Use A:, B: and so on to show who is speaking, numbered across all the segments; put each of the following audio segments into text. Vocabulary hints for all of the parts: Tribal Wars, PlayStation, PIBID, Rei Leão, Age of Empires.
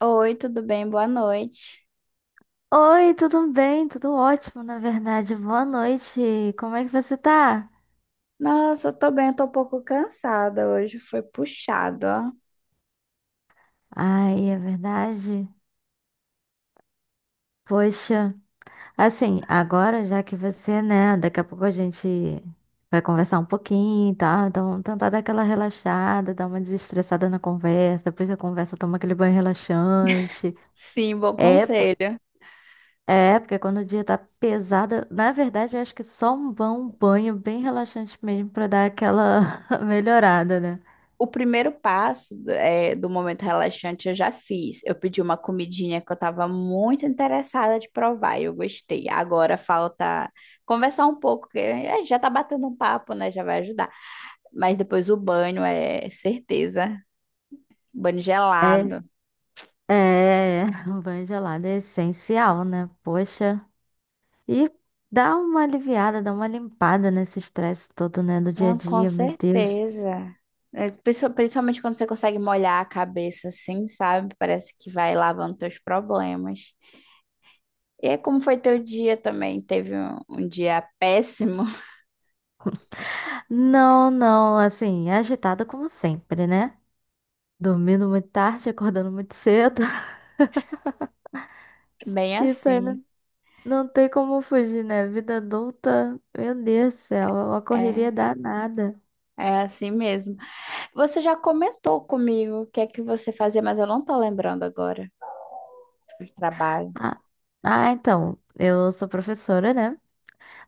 A: Oi, tudo bem? Boa noite.
B: Oi, tudo bem? Tudo ótimo, na verdade. Boa noite. Como é que você tá?
A: Nossa, eu tô bem, eu tô um pouco cansada hoje, foi puxado, ó.
B: Ai, é verdade. Poxa, assim, agora já que você, né, daqui a pouco a gente vai conversar um pouquinho e tal, então tentar dar aquela relaxada, dar uma desestressada na conversa, depois da conversa toma aquele banho relaxante.
A: Sim, bom
B: É, por-
A: conselho.
B: é, porque quando o dia tá pesado, na verdade eu acho que é só um bom banho bem relaxante mesmo pra dar aquela melhorada, né?
A: O primeiro passo do momento relaxante eu já fiz. Eu pedi uma comidinha que eu tava muito interessada de provar e eu gostei. Agora falta conversar um pouco, que é, já tá batendo um papo, né? Já vai ajudar. Mas depois o banho é certeza. Banho
B: É,
A: gelado.
B: É, um banho gelado é essencial, né? Poxa. E dá uma aliviada, dá uma limpada nesse estresse todo, né, do dia a
A: Não, com
B: dia, meu Deus.
A: certeza. É, principalmente quando você consegue molhar a cabeça assim, sabe? Parece que vai lavando teus problemas. E é como foi teu dia também? Teve um dia péssimo?
B: Não, não, assim, agitada como sempre, né? Dormindo muito tarde, acordando muito cedo.
A: Bem
B: Isso aí
A: assim.
B: não, não tem como fugir, né? Vida adulta, meu Deus do céu, é uma correria
A: É,
B: danada.
A: é assim mesmo. Você já comentou comigo o que é que você fazia, mas eu não tô lembrando agora do trabalho.
B: Ah, ah, então, eu sou professora, né?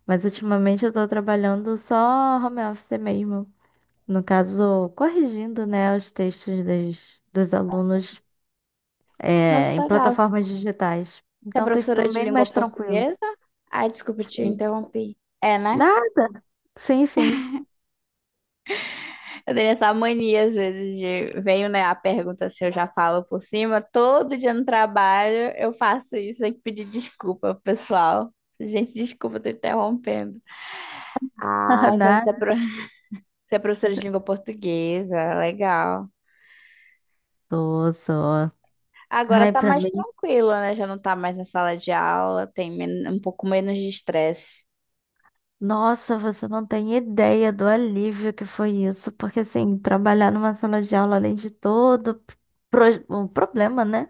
B: Mas ultimamente eu tô trabalhando só home office mesmo. No caso, corrigindo, né, os dos alunos, em
A: Nossa, legal. Você
B: plataformas digitais.
A: é
B: Então tem
A: professora
B: sido
A: de
B: bem
A: língua
B: mais tranquilo.
A: portuguesa? Ai, desculpa, te
B: Sim.
A: interrompi. É, né?
B: Nada. Sim, sim.
A: Eu tenho essa mania, às vezes, de venho, né, a pergunta se eu já falo por cima. Todo dia no trabalho eu faço isso, tenho que pedir desculpa pro pessoal. Gente, desculpa, tô interrompendo. Ah, então
B: Nada.
A: você é professora de língua portuguesa, legal.
B: Tô só.
A: Agora
B: Ai,
A: tá
B: pra
A: mais
B: mim.
A: tranquilo, né? Já não tá mais na sala de aula, tem um pouco menos de estresse.
B: Nossa, você não tem ideia do alívio que foi isso, porque assim, trabalhar numa sala de aula, além de todo o problema, né?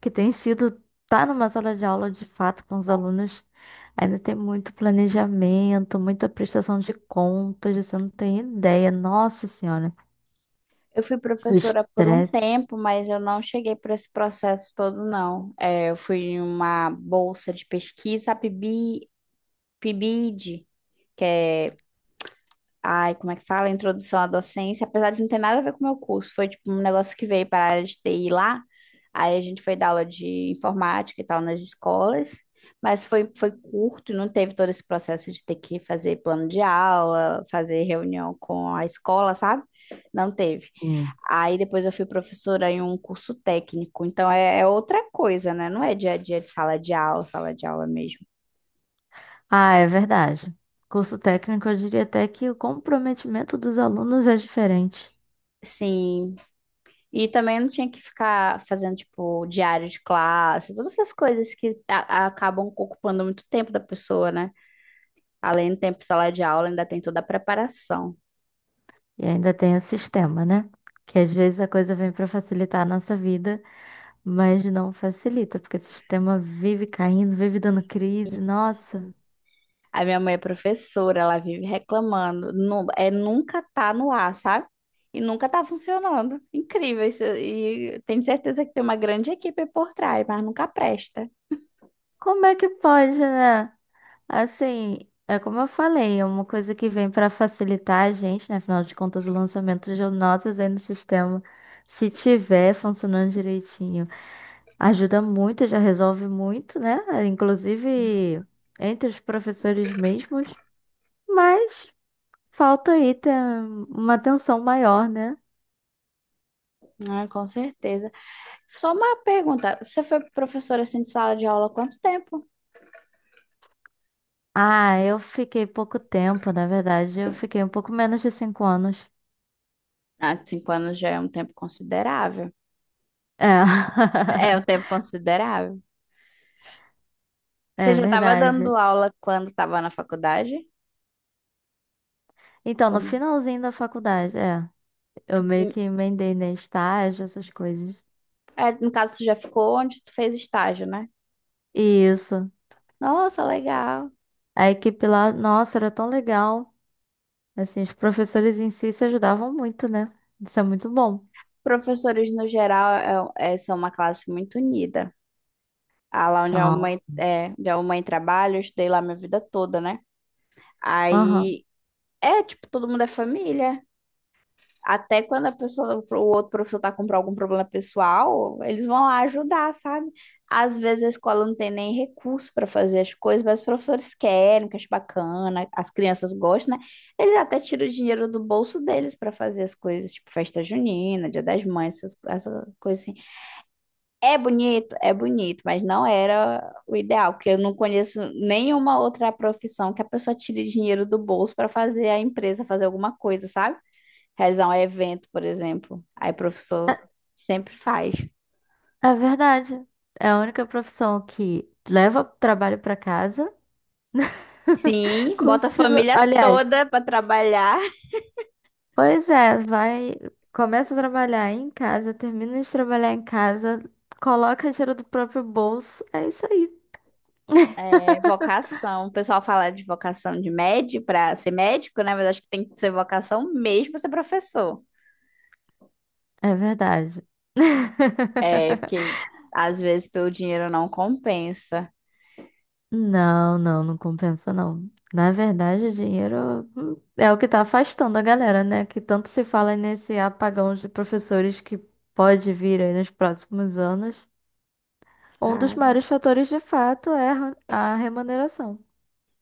B: Que tem sido estar numa sala de aula de fato com os alunos, ainda tem muito planejamento, muita prestação de contas, você não tem ideia. Nossa Senhora,
A: Eu fui
B: o
A: professora por um
B: estresse.
A: tempo, mas eu não cheguei para esse processo todo, não. É, eu fui em uma bolsa de pesquisa, a PIBID, que é, ai, como é que fala? Introdução à docência, apesar de não ter nada a ver com o meu curso, foi tipo um negócio que veio para a área de TI lá. Aí a gente foi dar aula de informática e tal nas escolas, mas foi curto, não teve todo esse processo de ter que fazer plano de aula, fazer reunião com a escola, sabe? Não teve.
B: Sim.
A: Aí depois eu fui professora em um curso técnico, então é outra coisa, né? Não é dia a dia de sala de aula mesmo.
B: Ah, é verdade. Curso técnico, eu diria até que o comprometimento dos alunos é diferente.
A: Sim, e também não tinha que ficar fazendo, tipo, diário de classe, todas essas coisas que acabam ocupando muito tempo da pessoa, né? Além do tempo de sala de aula, ainda tem toda a preparação.
B: E ainda tem o sistema, né? Que às vezes a coisa vem para facilitar a nossa vida, mas não facilita, porque o sistema vive caindo, vive dando crise. Nossa,
A: A minha mãe é professora, ela vive reclamando. Nunca tá no ar, sabe? E nunca tá funcionando. Incrível isso. E tenho certeza que tem uma grande equipe por trás, mas nunca presta.
B: como é que pode, né? Assim, é como eu falei, é uma coisa que vem para facilitar a gente, né? Afinal de contas, o lançamento de notas aí no sistema, se tiver funcionando direitinho, ajuda muito, já resolve muito, né? Inclusive entre os professores mesmos, mas falta aí ter uma atenção maior, né?
A: Ah, com certeza. Só uma pergunta. Você foi professora assim de sala de aula há quanto tempo?
B: Ah, eu fiquei pouco tempo, na verdade, eu fiquei um pouco menos de 5 anos.
A: Ah, 5 anos já é um tempo considerável.
B: É,
A: É um tempo considerável. Você
B: é
A: já estava
B: verdade.
A: dando aula quando estava na faculdade?
B: Então, no
A: Ou-
B: finalzinho da faculdade, é. Eu meio
A: hum,
B: que emendei, né? Estágio, essas coisas.
A: É, no caso, você já ficou onde tu fez estágio, né?
B: E isso.
A: Nossa, legal.
B: A equipe lá, nossa, era tão legal. Assim, os professores em si se ajudavam muito, né? Isso é muito bom.
A: Professores, no geral, são uma classe muito unida. Ah, lá onde a
B: São.
A: mãe, é, onde a mãe trabalha, eu estudei lá minha vida toda, né?
B: Aham.
A: Aí, é, tipo, todo mundo é família. Até quando a pessoa, o outro professor tá com algum problema pessoal, eles vão lá ajudar, sabe? Às vezes a escola não tem nem recurso para fazer as coisas, mas os professores querem, que acho bacana, as crianças gostam, né? Eles até tiram o dinheiro do bolso deles para fazer as coisas, tipo festa junina, Dia das Mães, essas coisas assim. É bonito, mas não era o ideal, porque eu não conheço nenhuma outra profissão que a pessoa tire dinheiro do bolso para fazer a empresa fazer alguma coisa, sabe? Realizar um evento, por exemplo. Aí o professor sempre faz.
B: É, é verdade. É a única profissão que leva trabalho pra casa.
A: Sim, bota a
B: Continua.
A: família
B: Aliás,
A: toda para trabalhar.
B: pois é, vai. Começa a trabalhar em casa, termina de trabalhar em casa, coloca dinheiro do próprio bolso. É isso aí.
A: É, vocação. O pessoal fala de vocação de médico para ser médico, né? Mas acho que tem que ser vocação mesmo para ser professor.
B: É verdade.
A: É, porque às vezes pelo dinheiro não compensa.
B: Não, não, compensa não. Na verdade, o dinheiro, é o que tá afastando a galera, né? Que tanto se fala nesse apagão de professores que pode vir aí nos próximos anos. Um dos
A: Cara.
B: maiores fatores, de fato, é a remuneração.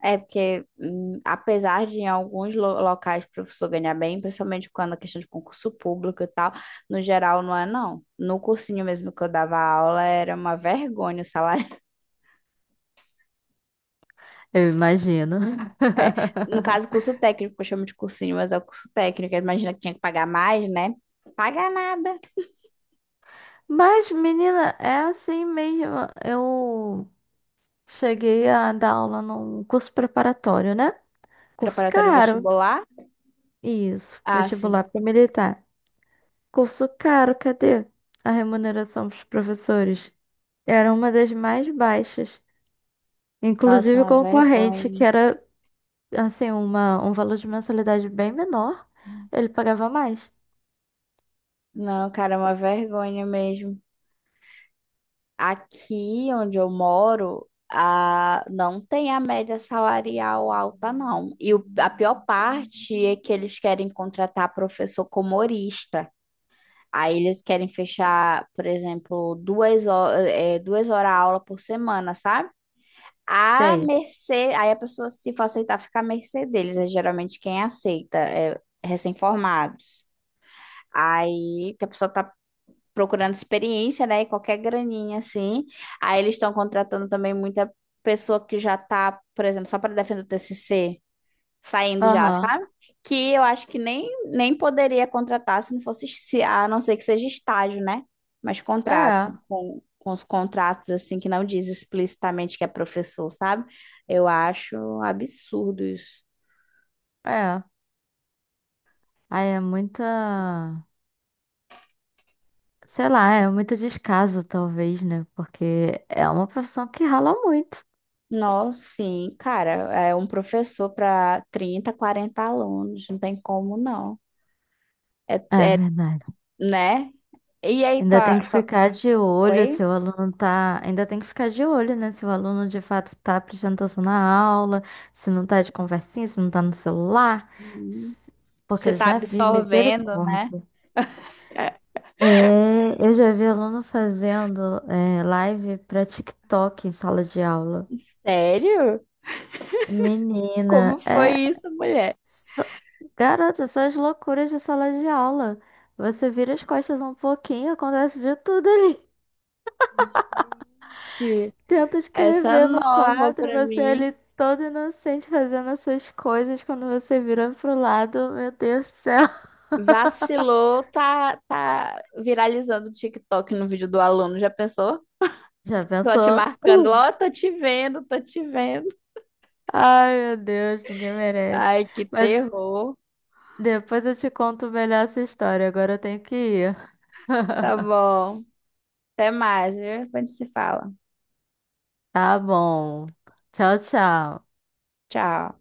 A: É porque, apesar de em alguns locais o professor ganhar bem, principalmente quando a questão de concurso público e tal, no geral não é não. No cursinho mesmo que eu dava aula era uma vergonha o salário.
B: Eu imagino.
A: É, no caso, curso técnico, eu chamo de cursinho, mas é o curso técnico. Imagina que tinha que pagar mais, né? Pagar nada.
B: Mas, menina, é assim mesmo. Eu cheguei a dar aula num curso preparatório, né? Curso
A: Preparatório
B: caro.
A: vestibular?
B: Isso,
A: Ah,
B: vestibular
A: sim.
B: para militar. Curso caro, cadê? A remuneração dos professores era uma das mais baixas.
A: Nossa,
B: Inclusive o
A: uma
B: concorrente, que
A: vergonha.
B: era assim, um valor de mensalidade bem menor, ele pagava mais.
A: Não, cara, é uma vergonha mesmo. Aqui onde eu moro, a, não tem a média salarial alta, não. E a pior parte é que eles querem contratar professor como horista. Aí eles querem fechar, por exemplo, duas horas aula por semana, sabe? A
B: Tem.
A: mercê, aí a pessoa, se for aceitar, fica à mercê deles. É geralmente quem aceita, é recém-formados. Aí que a pessoa tá procurando experiência, né? E qualquer graninha assim. Aí eles estão contratando também muita pessoa que já tá, por exemplo, só para defender o TCC, saindo já,
B: Aham.
A: sabe? Que eu acho que nem poderia contratar se não fosse, a não ser que seja estágio, né? Mas contrato,
B: É,
A: com os contratos assim que não diz explicitamente que é professor, sabe? Eu acho absurdo isso.
B: é. Aí é muita. Sei lá, é muito descaso, talvez, né? Porque é uma profissão que rala muito.
A: Nossa, sim, cara, é um professor para 30, 40 alunos, não tem como não. É,
B: É
A: é
B: verdade.
A: né? E aí,
B: Ainda
A: tua
B: tem que
A: tua
B: ficar de olho se
A: Oi?
B: o aluno tá. Ainda tem que ficar de olho, né? Se o aluno de fato tá prestando atenção na aula, se não tá de conversinha, se não tá no celular.
A: Hum,
B: se- Porque
A: Você
B: eu
A: tá
B: já vi,
A: absorvendo, né?
B: misericórdia. É, eu já vi aluno fazendo live pra TikTok em sala de aula.
A: Sério? Como
B: Menina,
A: foi
B: é.
A: isso, mulher?
B: só- Garota, essas loucuras de sala de aula. Você vira as costas um pouquinho, acontece de tudo ali.
A: Gente,
B: Tenta
A: essa é
B: escrever no
A: nova
B: quadro,
A: pra
B: você é ali
A: mim.
B: todo inocente fazendo as suas coisas, quando você vira pro lado, meu Deus do céu.
A: Vacilou, tá viralizando o TikTok no vídeo do aluno, já pensou?
B: Já
A: Tô te
B: pensou?
A: marcando lá, ó, tô te vendo, tô te vendo.
B: Ai, meu Deus, ninguém merece.
A: Ai, que
B: Mas
A: terror.
B: depois eu te conto melhor essa história, agora eu tenho que ir.
A: Tá bom. Até mais, viu? Depois a gente se fala.
B: Tá bom. Tchau, tchau.
A: Tchau.